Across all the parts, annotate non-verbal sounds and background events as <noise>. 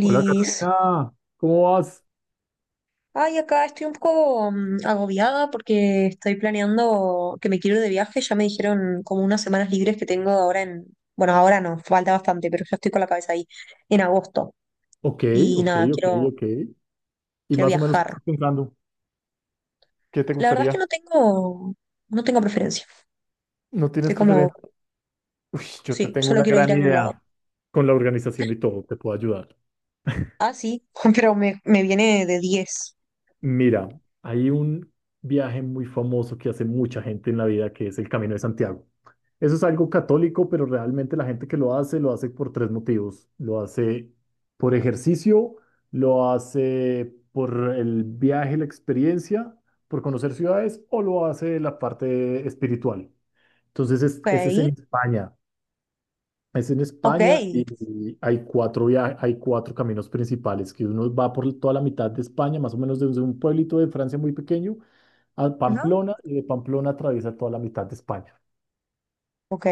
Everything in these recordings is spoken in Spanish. Hola Carolina, ¿cómo vas? Ay, acá estoy un poco agobiada porque estoy planeando que me quiero ir de viaje. Ya me dijeron como unas semanas libres que tengo ahora en... Bueno, ahora no, falta bastante, pero ya estoy con la cabeza ahí en agosto. Ok, Y ok, nada, ok, ok. Y quiero más o menos, ¿qué viajar. estás pensando? ¿Qué te La verdad es que gustaría? No tengo preferencia. ¿No Estoy tienes como, preferencia? Uy, yo te sí, tengo solo una quiero ir gran a algún lado. idea con la organización y todo, te puedo ayudar. Ah, sí, <laughs> pero me viene de diez. Mira, hay un viaje muy famoso que hace mucha gente en la vida, que es el Camino de Santiago. Eso es algo católico, pero realmente la gente que lo hace por 3 motivos. Lo hace por ejercicio, lo hace por el viaje, la experiencia, por conocer ciudades o lo hace la parte espiritual. Entonces, Ok, ese es en España. Es en ok, España y hay hay 4 caminos principales, que uno va por toda la mitad de España, más o menos desde un pueblito de Francia muy pequeño a ¿no? Pamplona y de Pamplona atraviesa toda la mitad de España. Ok.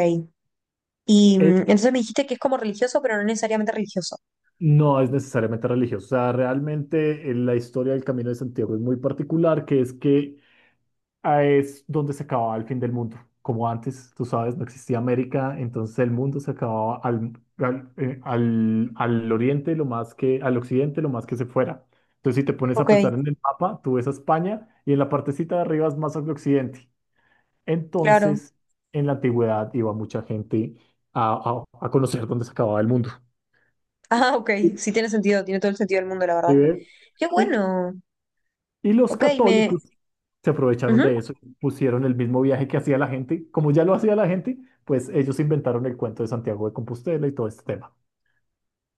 Y Él entonces me dijiste que es como religioso, pero no necesariamente religioso. no es necesariamente religioso, o sea, realmente la historia del Camino de Santiago es muy particular, que es que es donde se acababa el fin del mundo. Como antes, tú sabes, no existía América, entonces el mundo se acababa al oriente, lo más que, al occidente, lo más que se fuera. Entonces, si te pones a Ok. pensar en el mapa, tú ves a España y en la partecita de arriba es más al occidente. Claro. Entonces, en la antigüedad iba mucha gente a conocer dónde se acababa el mundo. Ah, ok. Sí tiene sentido, tiene todo el sentido del mundo, la verdad. ¿Sí ves? Qué Y, bueno. y los Ok, me... católicos se aprovecharon Ujú. de eso, y pusieron el mismo viaje que hacía la gente, como ya lo hacía la gente, pues ellos inventaron el cuento de Santiago de Compostela y todo este tema.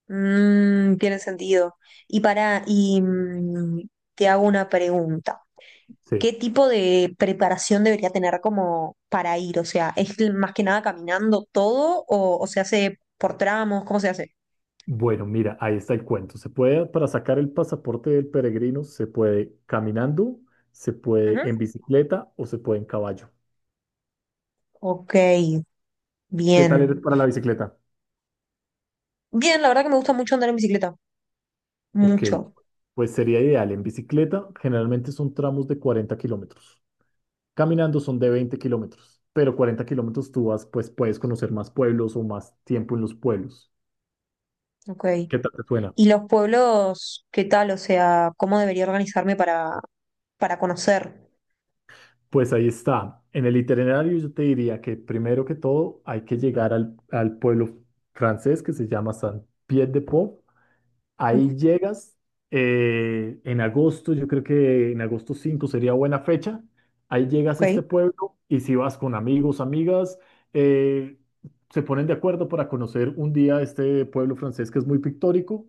Mm, tiene sentido. Y te hago una pregunta. Sí. ¿Qué tipo de preparación debería tener como para ir? O sea, ¿es más que nada caminando todo o se hace por tramos? ¿Cómo se hace? Bueno, mira, ahí está el cuento. Se puede, para sacar el pasaporte del peregrino, se puede caminando, se puede Ujú. en bicicleta o se puede en caballo. Ok, ¿Qué tal bien. eres para la bicicleta? Bien, la verdad que me gusta mucho andar en bicicleta. Ok, Mucho. pues sería ideal. En bicicleta generalmente son tramos de 40 kilómetros. Caminando son de 20 kilómetros, pero 40 kilómetros tú vas, pues puedes conocer más pueblos o más tiempo en los pueblos. Ok. ¿Qué tal te suena? ¿Y los pueblos, qué tal? O sea, ¿cómo debería organizarme para conocer? Pues ahí está. En el itinerario yo te diría que primero que todo hay que llegar al pueblo francés que se llama Saint-Pierre-de-Port. Ujú. Ahí llegas en agosto, yo creo que en 5 de agosto sería buena fecha. Ahí llegas Ok, a este pueblo y si vas con amigos, amigas, eh, se ponen de acuerdo para conocer un día este pueblo francés que es muy pictórico.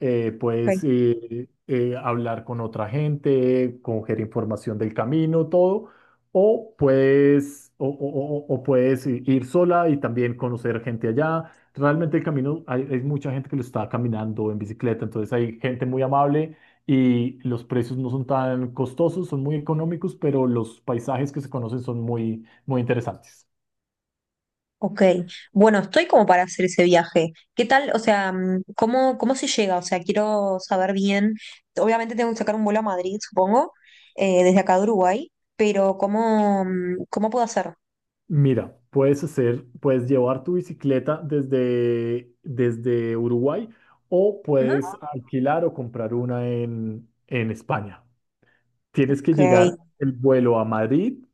Ok, Puedes hablar con otra gente, coger información del camino, todo. O puedes, o puedes ir sola y también conocer gente allá. Realmente el camino, hay mucha gente que lo está caminando en bicicleta, entonces hay gente muy amable y los precios no son tan costosos, son muy económicos, pero los paisajes que se conocen son muy, muy interesantes. ok. Bueno, estoy como para hacer ese viaje. ¿Qué tal? O sea, ¿cómo, cómo se llega? O sea, quiero saber bien. Obviamente tengo que sacar un vuelo a Madrid, supongo, desde acá de Uruguay, pero ¿cómo, cómo puedo hacer? Mira, puedes hacer, puedes llevar tu bicicleta desde Uruguay o Ujú. puedes alquilar o comprar una en España. Tienes que Ok, llegar el vuelo a Madrid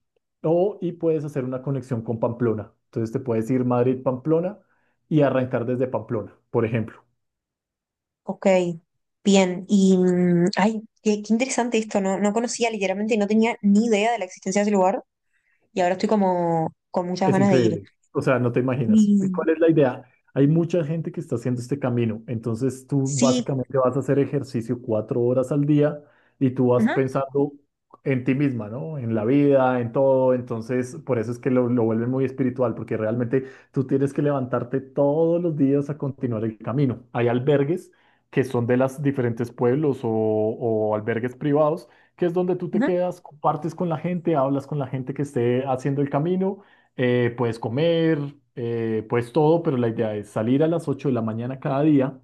o y puedes hacer una conexión con Pamplona. Entonces te puedes ir Madrid-Pamplona y arrancar desde Pamplona, por ejemplo. ok. Bien, y ay, qué, qué interesante esto, no, no conocía literalmente, no tenía ni idea de la existencia de ese lugar. Y ahora estoy como con muchas Es ganas de ir. increíble. O sea, no te imaginas. ¿Y Y cuál es la idea? Hay mucha gente que está haciendo este camino. Entonces tú sí, básicamente vas a hacer ejercicio 4 horas al día y tú vas ajá, pensando en ti misma, ¿no? En la vida, en todo. Entonces, por eso es que lo vuelven muy espiritual, porque realmente tú tienes que levantarte todos los días a continuar el camino. Hay albergues que son de los diferentes pueblos o albergues privados, que es donde tú te ajá, quedas, compartes con la gente, hablas con la gente que esté haciendo el camino, puedes comer, puedes todo, pero la idea es salir a las 8 de la mañana cada día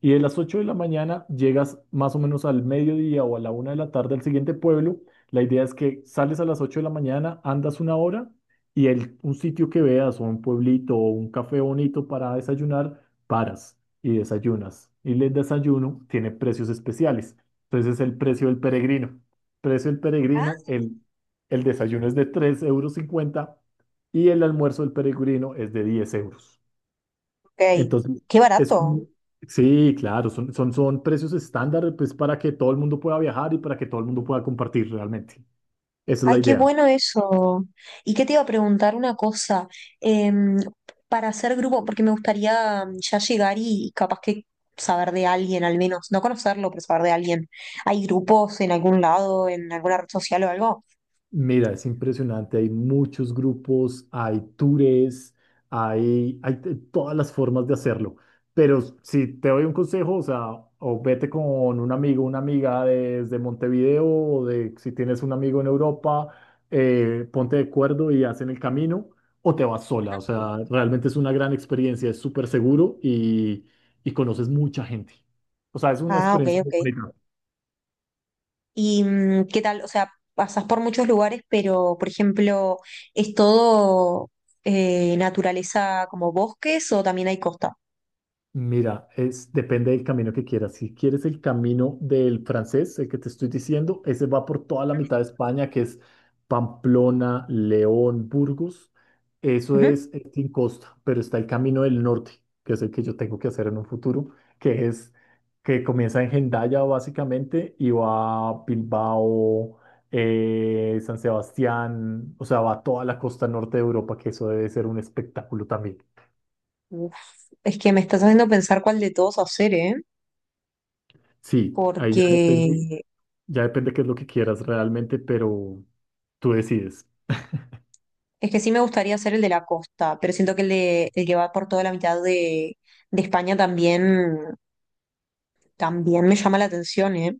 y de las 8 de la mañana llegas más o menos al mediodía o a la una de la tarde al siguiente pueblo. La idea es que sales a las 8 de la mañana, andas una hora y el, un sitio que veas o un pueblito o un café bonito para desayunar, paras y desayunas. Y el desayuno tiene precios especiales. Entonces es el precio del peregrino. Precio del peregrino, el desayuno es de 3,50 euros y el almuerzo del peregrino es de 10 euros. ok, Entonces, qué es barato. como, sí, claro, son precios estándar pues, para que todo el mundo pueda viajar y para que todo el mundo pueda compartir realmente. Esa es la Ay, qué idea. bueno eso. ¿Y qué te iba a preguntar una cosa? Em, para hacer grupo, porque me gustaría ya llegar y capaz que saber de alguien al menos, no conocerlo, pero saber de alguien. ¿Hay grupos en algún lado, en alguna red social o algo? Mira, es impresionante, hay muchos grupos, hay tours, hay todas las formas de hacerlo, pero si te doy un consejo, o sea, o vete con un amigo, una amiga desde Montevideo, o de, si tienes un amigo en Europa, ponte de acuerdo y hacen el camino, o te vas sola, o sea, realmente es una gran experiencia, es súper seguro y conoces mucha gente, o sea, es una Ah, ok, experiencia muy ok. bonita. ¿Y qué tal? O sea, pasas por muchos lugares, pero, por ejemplo, ¿es todo naturaleza como bosques o también hay costa? Mira, es, depende del camino que quieras. Si quieres el camino del francés, el que te estoy diciendo, ese va por toda la mitad de España, que es Pamplona, León, Burgos. Eso Ujú. es sin costa, pero está el camino del norte, que es el que yo tengo que hacer en un futuro, que es que comienza en Hendaya básicamente y va a Bilbao, San Sebastián, o sea, va a toda la costa norte de Europa, que eso debe ser un espectáculo también. Uf, es que me estás haciendo pensar cuál de todos hacer, ¿eh? Sí, ahí ya Porque depende. Ya depende qué es lo que quieras realmente, pero tú decides. es que sí me gustaría hacer el de la costa, pero siento que el de el que va por toda la mitad de España también, también me llama la atención, ¿eh?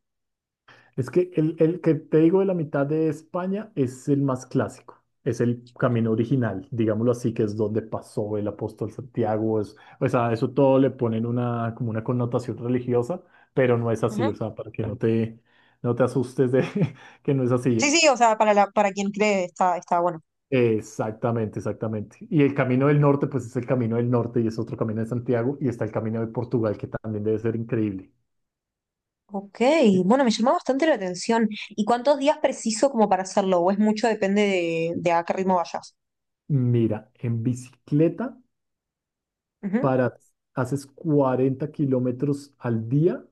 Es que el que te digo de la mitad de España es el más clásico, es el camino original, digámoslo así, que es donde pasó el apóstol Santiago. Es- o sea, eso todo le ponen una, como una connotación religiosa, pero no es Ujú. así, o sea, para que no te, no te asustes de <laughs> que no es Sí, así. sí, o sea, para la, para quien cree está, está bueno. Exactamente, exactamente. Y el camino del norte, pues es el camino del norte y es otro camino de Santiago y está el camino de Portugal, que también debe ser increíble. Ok, bueno, me llamó bastante la atención. ¿Y cuántos días preciso como para hacerlo? ¿O es mucho? Depende de a qué ritmo vayas. Mira, en bicicleta Ujú. para haces 40 kilómetros al día,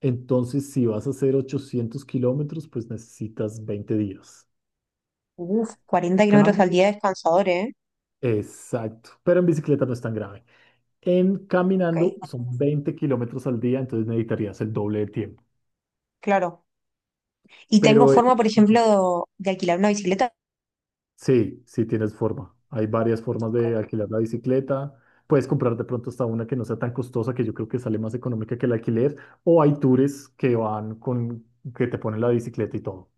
entonces si vas a hacer 800 kilómetros, pues necesitas 20 días. Uf, 40 kilómetros Cam- al día es cansador, ¿eh? Exacto, pero en bicicleta no es tan grave. En Ok, caminando son 20 kilómetros al día, entonces necesitarías el doble de tiempo. claro. ¿Y tengo Pero forma, por ejemplo, de alquilar una bicicleta? sí, sí tienes forma. Hay varias formas Ok. de alquilar la bicicleta. Puedes comprar de pronto hasta una que no sea tan costosa, que yo creo que sale más económica que el alquiler. O hay tours que van con, que te ponen la bicicleta y todo.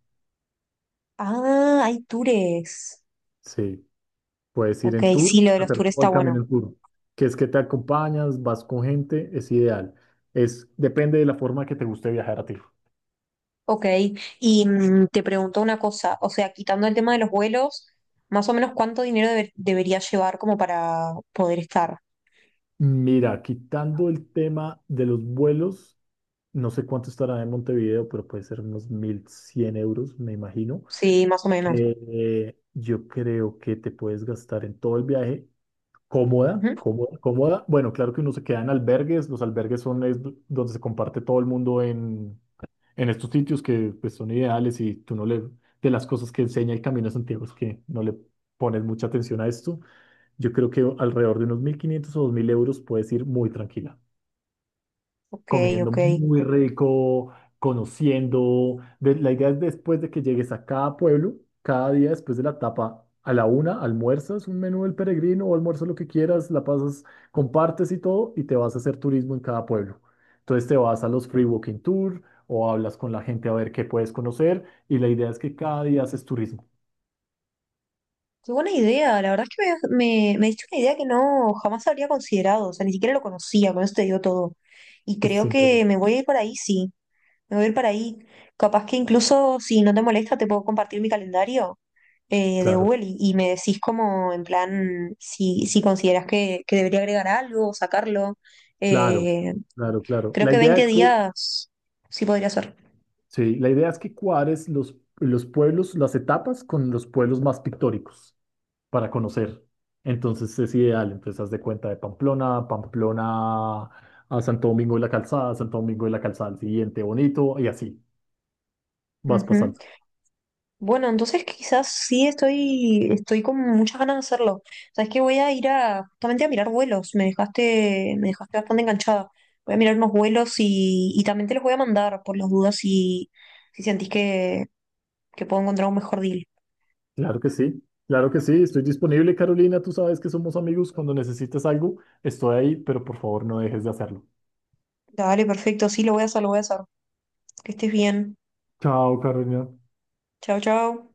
Ah, hay tours. Sí, puedes ir Ok, en tour, sí, lo de puedes los tours hacer todo está el bueno. camino en tour, que es que te acompañas, vas con gente, es ideal. Es, depende de la forma que te guste viajar a ti. Ok, y te pregunto una cosa, o sea, quitando el tema de los vuelos, más o menos cuánto dinero deber- debería llevar como para poder estar. Mira, quitando el tema de los vuelos, no sé cuánto estará en Montevideo, pero puede ser unos 1100 euros, me imagino. Sí, más o menos. Yo creo que te puedes gastar en todo el viaje cómoda, Ujú. cómoda, cómoda. Bueno, claro que uno se queda en albergues. Los albergues son donde se comparte todo el mundo en estos sitios que pues, son ideales y tú no le... De las cosas que enseña el Camino de Santiago es que no le pones mucha atención a esto. Yo creo que alrededor de unos 1500 o 2000 euros puedes ir muy tranquila Ok, comiendo ok. muy rico, conociendo. De- la idea es después de que llegues a cada pueblo, cada día después de la etapa, a la una, almuerzas un menú del peregrino o almuerzas lo que quieras, la pasas, compartes y todo, y te vas a hacer turismo en cada pueblo. Entonces te vas a los free walking tour o hablas con la gente a ver qué puedes conocer, y la idea es que cada día haces turismo. Qué buena idea, la verdad es que me diste una idea que no jamás habría considerado, o sea, ni siquiera lo conocía, con eso te digo todo. Y Es creo increíble. que me voy a ir para ahí, sí, me voy a ir para ahí. Capaz que incluso si no te molesta, te puedo compartir mi calendario de Claro, Google y me decís como en plan si consideras que debería agregar algo, o sacarlo. claro, Eh, claro, claro. creo La que idea 20 es que días sí podría ser. sí, la idea es que cuadres los pueblos, las etapas con los pueblos más pictóricos para conocer. Entonces es ideal, entonces haz de cuenta de Pamplona, Pamplona a Santo Domingo de la Calzada, Santo Domingo de la Calzada al siguiente, bonito, y así vas Ujú. pasando. Bueno, entonces quizás sí estoy con muchas ganas de hacerlo. Sabes que voy a ir a, justamente a mirar vuelos. Me dejaste bastante enganchada. Voy a mirar unos vuelos y también te los voy a mandar por las dudas si sentís que puedo encontrar un mejor deal. Claro que sí, estoy disponible, Carolina, tú sabes que somos amigos, cuando necesites algo, estoy ahí, pero por favor no dejes de hacerlo. Dale, perfecto, sí, lo voy a hacer, lo voy a hacer. Que estés bien. Chao, Carolina. Chao, chao.